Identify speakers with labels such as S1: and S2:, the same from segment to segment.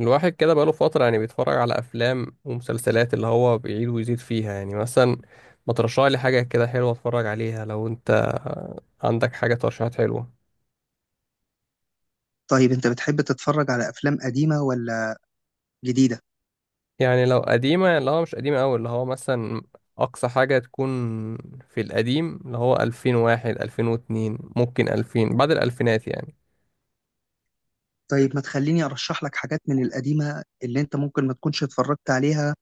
S1: الواحد كده بقاله فترة، يعني بيتفرج على أفلام ومسلسلات اللي هو بيعيد ويزيد فيها، يعني مثلا ما ترشح لي حاجة كده حلوة أتفرج عليها لو أنت عندك حاجة، ترشيحات حلوة.
S2: طيب، أنت بتحب تتفرج على أفلام قديمة ولا جديدة؟
S1: يعني لو قديمة، اللي هو مش قديمة أوي، اللي هو مثلا أقصى حاجة تكون في القديم، اللي هو 2001، 2002، ممكن 2000، بعد الألفينات يعني.
S2: طيب، ما تخليني أرشح لك حاجات من القديمة اللي أنت ممكن ما تكونش اتفرجت عليها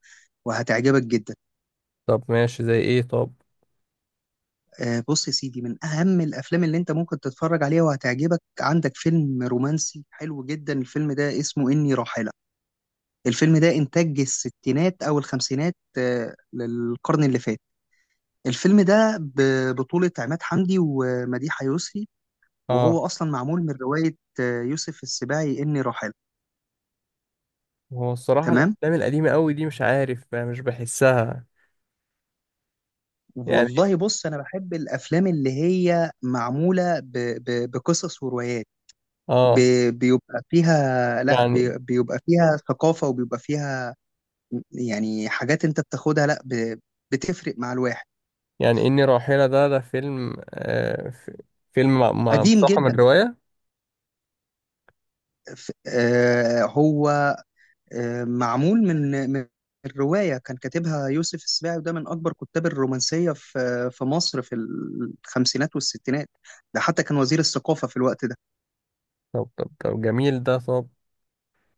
S2: وهتعجبك جدا.
S1: طب ماشي، زي إيه؟ طب.
S2: آه، بص يا سيدي، من أهم الأفلام اللي أنت ممكن تتفرج عليها وهتعجبك عندك فيلم رومانسي حلو جدا. الفيلم ده اسمه إني راحلة. الفيلم ده إنتاج الستينات أو الخمسينات للقرن اللي فات. الفيلم ده ببطولة عماد حمدي ومديحة يسري،
S1: آه.
S2: وهو أصلا معمول من رواية يوسف السباعي، إني راحلة.
S1: هو الصراحة
S2: تمام؟
S1: الأفلام القديمة أوي دي مش عارف، مش بحسها يعني.
S2: والله بص، انا بحب الافلام اللي هي معموله بقصص وروايات، ب...
S1: آه.
S2: بيبقى فيها لا
S1: يعني.
S2: بي... بيبقى فيها ثقافه، وبيبقى فيها يعني حاجات انت بتاخدها، لا ب... بتفرق مع الواحد.
S1: يعني إني راحلة ده، فيلم، فيلم
S2: قديم
S1: مستوحى من
S2: جدا.
S1: رواية.
S2: ف... آه هو معمول من الروايه. كان كاتبها يوسف السباعي، وده من اكبر كتاب الرومانسيه في مصر في الخمسينات والستينات. ده حتى كان وزير الثقافه في الوقت ده.
S1: طب طب طب، جميل ده. طب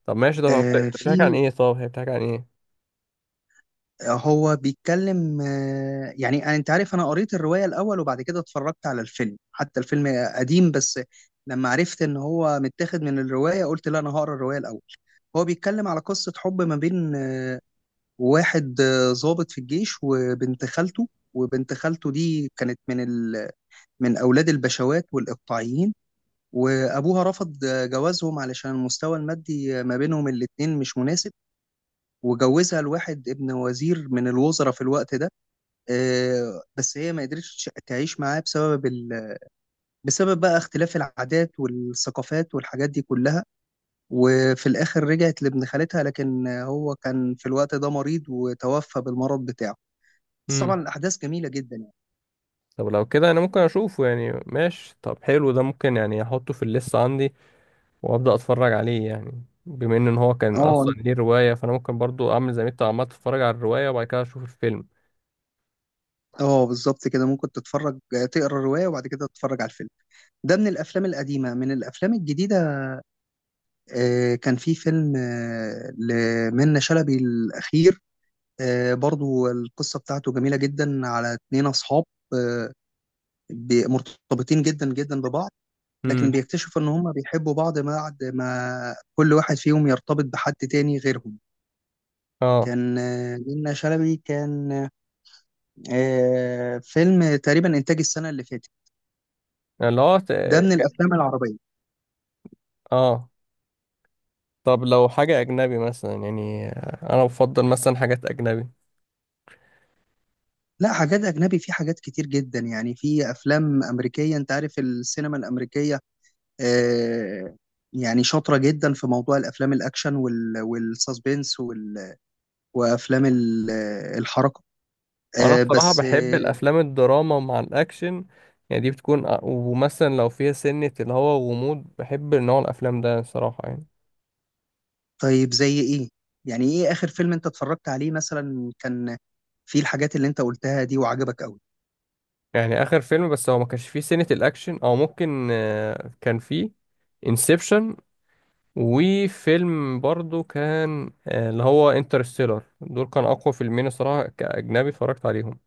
S1: طب ماشي، ده
S2: آه
S1: بتحكي عن
S2: في
S1: إيه؟ طب هي بتحكي عن إيه؟
S2: هو بيتكلم انت عارف، انا قريت الرواية الاول وبعد كده اتفرجت على الفيلم. حتى الفيلم قديم، بس لما عرفت ان هو متاخد من الرواية قلت لا، انا هقرا الرواية الاول. هو بيتكلم على قصة حب ما بين واحد ضابط في الجيش وبنت خالته. وبنت خالته دي كانت من اولاد البشوات والاقطاعيين. وابوها رفض جوازهم علشان المستوى المادي ما بينهم الاتنين مش مناسب، وجوزها لواحد ابن وزير من الوزراء في الوقت ده. بس هي ما قدرتش تعيش معاه بسبب بقى اختلاف العادات والثقافات والحاجات دي كلها. وفي الآخر رجعت لابن خالتها، لكن هو كان في الوقت ده مريض، وتوفى بالمرض بتاعه. بس
S1: مم.
S2: طبعا الأحداث جميلة جدا يعني.
S1: طب لو كده أنا ممكن أشوفه يعني، ماشي. طب حلو ده، ممكن يعني أحطه في الليست عندي وأبدأ أتفرج عليه، يعني بما إن هو كان
S2: اه،
S1: أصلا ليه رواية فأنا ممكن برضو أعمل زي ما أنت عمال، تتفرج على الرواية وبعد كده أشوف الفيلم.
S2: اه، بالظبط كده. ممكن تتفرج، تقرا الرواية وبعد كده تتفرج على الفيلم. ده من الأفلام القديمة. من الأفلام الجديدة، كان في فيلم لمنة شلبي الأخير. برضو القصة بتاعته جميلة جدا، على اتنين أصحاب آه، مرتبطين جدا جدا ببعض، لكن
S1: مم.
S2: بيكتشفوا إن هما بيحبوا بعض بعد ما كل واحد فيهم يرتبط بحد تاني غيرهم.
S1: اه.
S2: كان منة شلبي، كان فيلم تقريبا إنتاج السنة اللي فاتت.
S1: يعني لو
S2: ده من الأفلام العربية.
S1: اه، طب لو حاجة أجنبي مثلا يعني، أنا بفضل مثلا حاجات أجنبي.
S2: لا، حاجات أجنبي في حاجات كتير جدا يعني. في أفلام أمريكية، أنت عارف السينما الأمريكية آه، يعني شاطرة جدا في موضوع الأفلام الأكشن والساسبنس وافلام الحركه.
S1: وانا
S2: آه
S1: بصراحة
S2: بس
S1: بحب
S2: آه
S1: الافلام الدراما مع الاكشن. يعني دي بتكون ومثلا لو فيها سنة، اللي هو غموض، بحب نوع الافلام ده صراحة يعني.
S2: طيب، زي ايه؟ يعني ايه اخر فيلم انت اتفرجت عليه مثلا كان فيه الحاجات اللي انت قلتها دي وعجبك قوي؟
S1: يعني اخر فيلم، بس هو ما كانش فيه سنة الاكشن، او ممكن كان فيه انسبشن. وفيلم برضو كان، اللي هو انترستيلر، دول كان اقوى فيلمين الصراحة كاجنبي اتفرجت عليهم.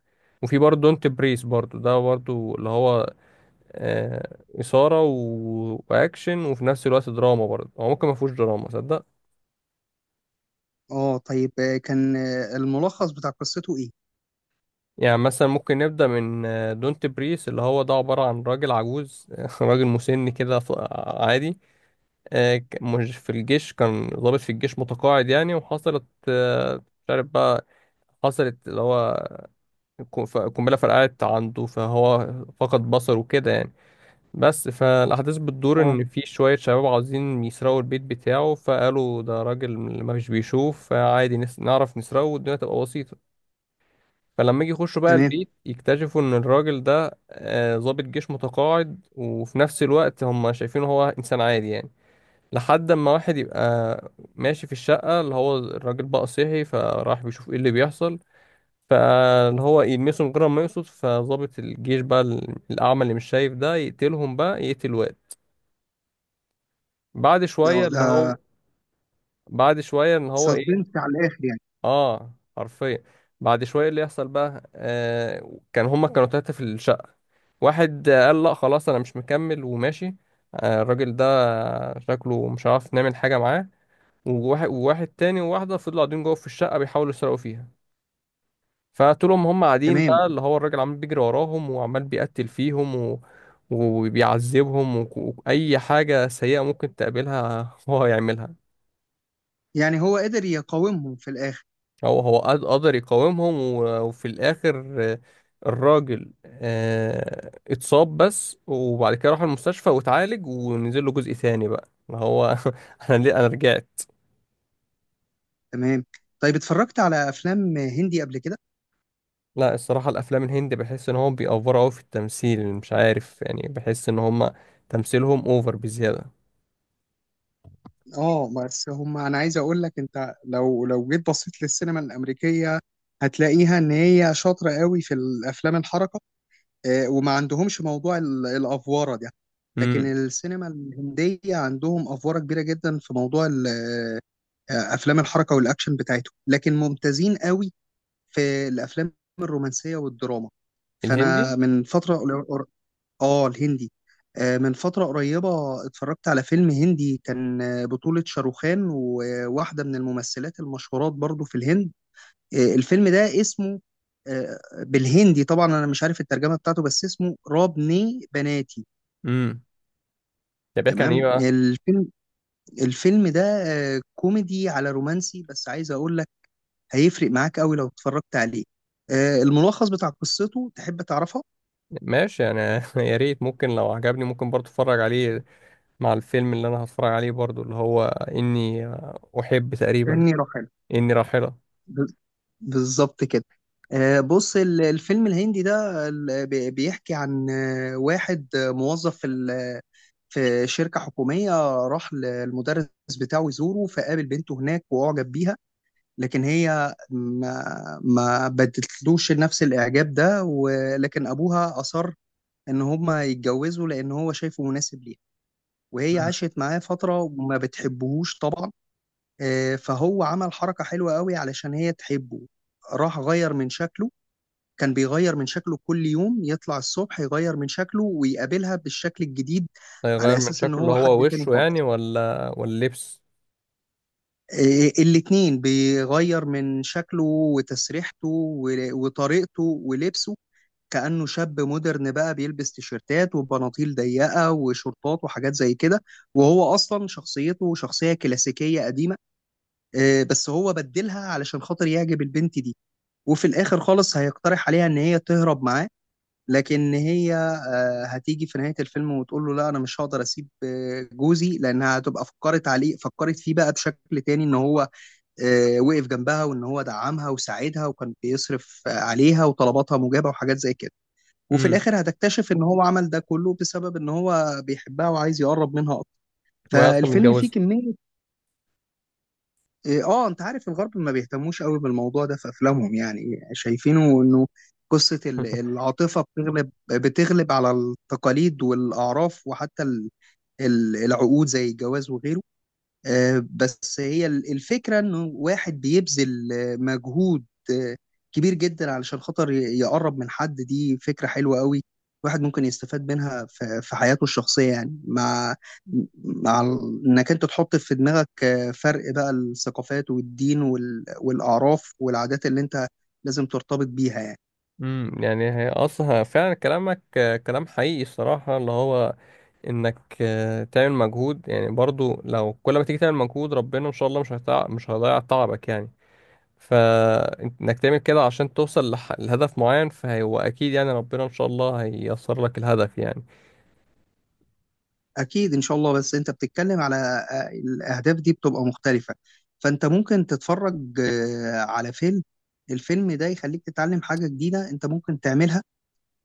S1: وفي برضه دونت بريس، برضه ده برضه اللي هو إثارة و... وأكشن، وفي نفس الوقت دراما، برضه هو ممكن ما فيهوش دراما صدق.
S2: اه، طيب. كان الملخص بتاع قصته ايه؟
S1: يعني مثلا ممكن نبدأ من دونت بريس، اللي هو ده عبارة عن راجل عجوز راجل مسن كده. عادي، مش في الجيش، كان ضابط في الجيش متقاعد يعني. وحصلت، مش عارف بقى، حصلت اللي هو قنبلة فرقعت عنده، فهو فقد بصره وكده يعني. بس فالأحداث بتدور
S2: اه،
S1: إن في شوية شباب عاوزين يسرقوا البيت بتاعه، فقالوا ده راجل ما فيش بيشوف، فعادي نعرف نسرقه والدنيا تبقى بسيطة. فلما يجي يخشوا بقى
S2: تمام.
S1: البيت يكتشفوا إن الراجل ده ضابط جيش متقاعد، وفي نفس الوقت هم شايفينه هو إنسان عادي يعني. لحد ما واحد يبقى ماشي في الشقة، اللي هو الراجل بقى صحي فراح بيشوف إيه اللي بيحصل. فاللي هو يلمسه من غير ما يقصد، فضابط الجيش بقى الأعمى اللي مش شايف ده، يقتلهم بقى، يقتل واحد بعد شوية اللي
S2: ده
S1: هو. بعد شوية ان هو ايه.
S2: سسبنس على الاخر يعني.
S1: اه، حرفيا. بعد شوية اللي يحصل بقى، كان هما كانوا تلاتة في الشقة. واحد قال لا خلاص انا مش مكمل وماشي. الراجل ده شكله مش عارف نعمل حاجة معاه. وواحد تاني وواحدة فضلوا قاعدين جوه في الشقة بيحاولوا يسرقوا فيها. فطول ما هم قاعدين بقى
S2: تمام.
S1: اللي هو الراجل عمال بيجري وراهم، وعمال بيقتل فيهم و... وبيعذبهم، وأي حاجة سيئة ممكن تقابلها هو يعملها.
S2: يعني هو قدر يقاومهم في الاخر.
S1: قدر يقاومهم، وفي الآخر، الراجل، اتصاب بس، وبعد كده راح المستشفى واتعالج ونزل له جزء ثاني بقى، ما هو انا ليه انا رجعت.
S2: تمام. طيب، اتفرجت على افلام هندي قبل كده؟
S1: لا الصراحة الافلام الهندي بحس ان هم بيأفوروا قوي في التمثيل، مش عارف، يعني بحس ان هم تمثيلهم اوفر بزيادة.
S2: اه، بس هم انا عايز اقول لك، انت لو جيت بصيت للسينما الامريكيه، هتلاقيها ان هي شاطره قوي في الافلام الحركه. وما عندهمش موضوع الافواره ده، لكن
S1: امم.
S2: السينما الهنديه عندهم افواره كبيره جدا في موضوع افلام الحركه والاكشن بتاعتهم. لكن ممتازين قوي في الافلام الرومانسيه والدراما.
S1: الهندي.
S2: فانا من فتره، اه الهندي، من فترة قريبة اتفرجت على فيلم هندي كان بطولة شاروخان وواحدة من الممثلات المشهورات برضو في الهند. الفيلم ده اسمه آه، بالهندي طبعا انا مش عارف الترجمة بتاعته، بس اسمه رابني بناتي.
S1: امم. ده بيحكي عن ايه
S2: تمام.
S1: بقى؟
S2: الفيلم ده كوميدي على رومانسي، بس عايز اقول لك هيفرق معاك قوي لو اتفرجت عليه. الملخص بتاع قصته تحب تعرفها؟
S1: ماشي انا يا ريت، ممكن لو عجبني ممكن برضه اتفرج عليه، مع الفيلم اللي انا هتفرج عليه برضو، اللي هو اني احب تقريبا.
S2: إني رحل.
S1: اني راحلة.
S2: ب- بالظبط كده. بص، الفيلم الهندي ده بيحكي عن واحد موظف في شركة حكومية. راح للمدرس بتاعه يزوره، فقابل بنته هناك وأعجب بيها، لكن هي ما بدتلوش نفس الإعجاب ده. ولكن أبوها أصر إن هما يتجوزوا لأن هو شايفه مناسب ليها، وهي عاشت معاه فترة وما بتحبهوش طبعا. فهو عمل حركة حلوة قوي علشان هي تحبه، راح غير من شكله. كان بيغير من شكله كل يوم، يطلع الصبح يغير من شكله ويقابلها بالشكل الجديد، على
S1: هيغير من
S2: أساس إن
S1: شكله اللي
S2: هو
S1: هو
S2: حد تاني
S1: وشه يعني،
S2: خالص.
S1: ولا لبس؟
S2: الاتنين بيغير من شكله وتسريحته وطريقته ولبسه، كأنه شاب مودرن بقى بيلبس تيشيرتات وبناطيل ضيقة وشورتات وحاجات زي كده. وهو أصلا شخصيته شخصية كلاسيكية قديمة. بس هو بدلها علشان خاطر يعجب البنت دي. وفي الاخر خالص هيقترح عليها ان هي تهرب معاه، لكن هي هتيجي في نهاية الفيلم وتقول له لا، انا مش هقدر اسيب جوزي، لانها هتبقى فكرت عليه، فكرت فيه بقى بشكل تاني، ان هو وقف جنبها وان هو دعمها وساعدها، وكان بيصرف عليها وطلباتها مجابة وحاجات زي كده. وفي
S1: امم.
S2: الاخر هتكتشف ان هو عمل ده كله بسبب ان هو بيحبها وعايز يقرب منها اكتر.
S1: وهي اصلا
S2: فالفيلم فيه
S1: متجوزة؟
S2: كمية إيه، اه انت عارف الغرب ما بيهتموش قوي بالموضوع ده في افلامهم، يعني شايفينه انه قصة العاطفة بتغلب على التقاليد والاعراف، وحتى العقود زي الجواز وغيره. بس هي الفكرة انه واحد بيبذل مجهود آه، كبير جدا علشان خاطر يقرب من حد. دي فكرة حلوة قوي، الواحد ممكن يستفاد منها في حياته الشخصية، يعني انك انت تحط في دماغك فرق بقى الثقافات والدين والأعراف والعادات اللي انت لازم ترتبط بيها يعني.
S1: امم. يعني هي اصلا فعلا كلامك، كلام حقيقي الصراحة. اللي هو انك، تعمل مجهود، يعني برضو لو كل ما تيجي تعمل مجهود ربنا ان شاء الله مش هيضيع تعبك يعني. فانك تعمل كده عشان توصل لهدف معين، فهو اكيد يعني ربنا ان شاء الله هييسر لك الهدف يعني.
S2: أكيد إن شاء الله. بس أنت بتتكلم على الأهداف دي بتبقى مختلفة. فأنت ممكن تتفرج على فيلم، الفيلم ده يخليك تتعلم حاجة جديدة أنت ممكن تعملها.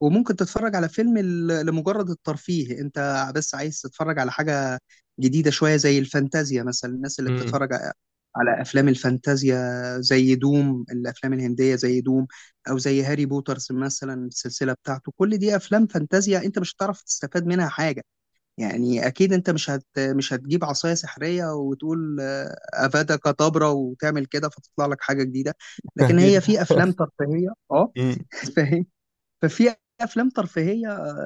S2: وممكن تتفرج على فيلم لمجرد الترفيه، أنت بس عايز تتفرج على حاجة جديدة شوية زي الفانتازيا مثلا. الناس اللي
S1: مم.
S2: بتتفرج على أفلام الفانتازيا زي دوم، الأفلام الهندية زي دوم، أو زي هاري بوترز مثلا، السلسلة بتاعته، كل دي أفلام فانتازيا أنت مش هتعرف تستفاد منها حاجة. يعني اكيد انت مش هتجيب عصايه سحريه وتقول افادا كدابرا وتعمل كده فتطلع لك حاجه جديده. لكن
S1: اكيد
S2: هي في
S1: لا.
S2: افلام ترفيهيه، اه.
S1: امم.
S2: فاهم؟ ففي افلام ترفيهيه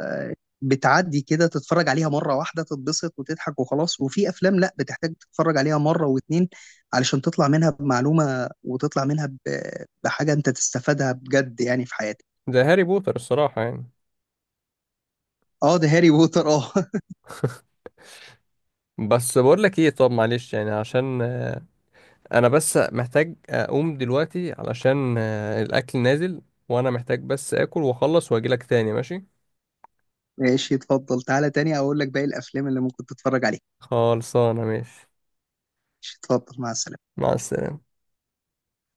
S2: بتعدي كده، تتفرج عليها مره واحده تتبسط وتضحك وخلاص. وفي افلام لا، بتحتاج تتفرج عليها مره واتنين علشان تطلع منها بمعلومه وتطلع منها بحاجه انت تستفادها بجد يعني في حياتك.
S1: زي هاري بوتر الصراحة يعني.
S2: اه، ده هاري بوتر، اه.
S1: بس بقول لك ايه، طب معلش يعني، عشان انا بس محتاج اقوم دلوقتي علشان الاكل نازل، وانا محتاج بس اكل واخلص واجي لك تاني، ماشي.
S2: ماشي، اتفضل، تعالى تاني اقول لك باقي الافلام اللي ممكن تتفرج عليها.
S1: خلصانة، ماشي،
S2: تفضل. مع السلامة.
S1: مع السلامة.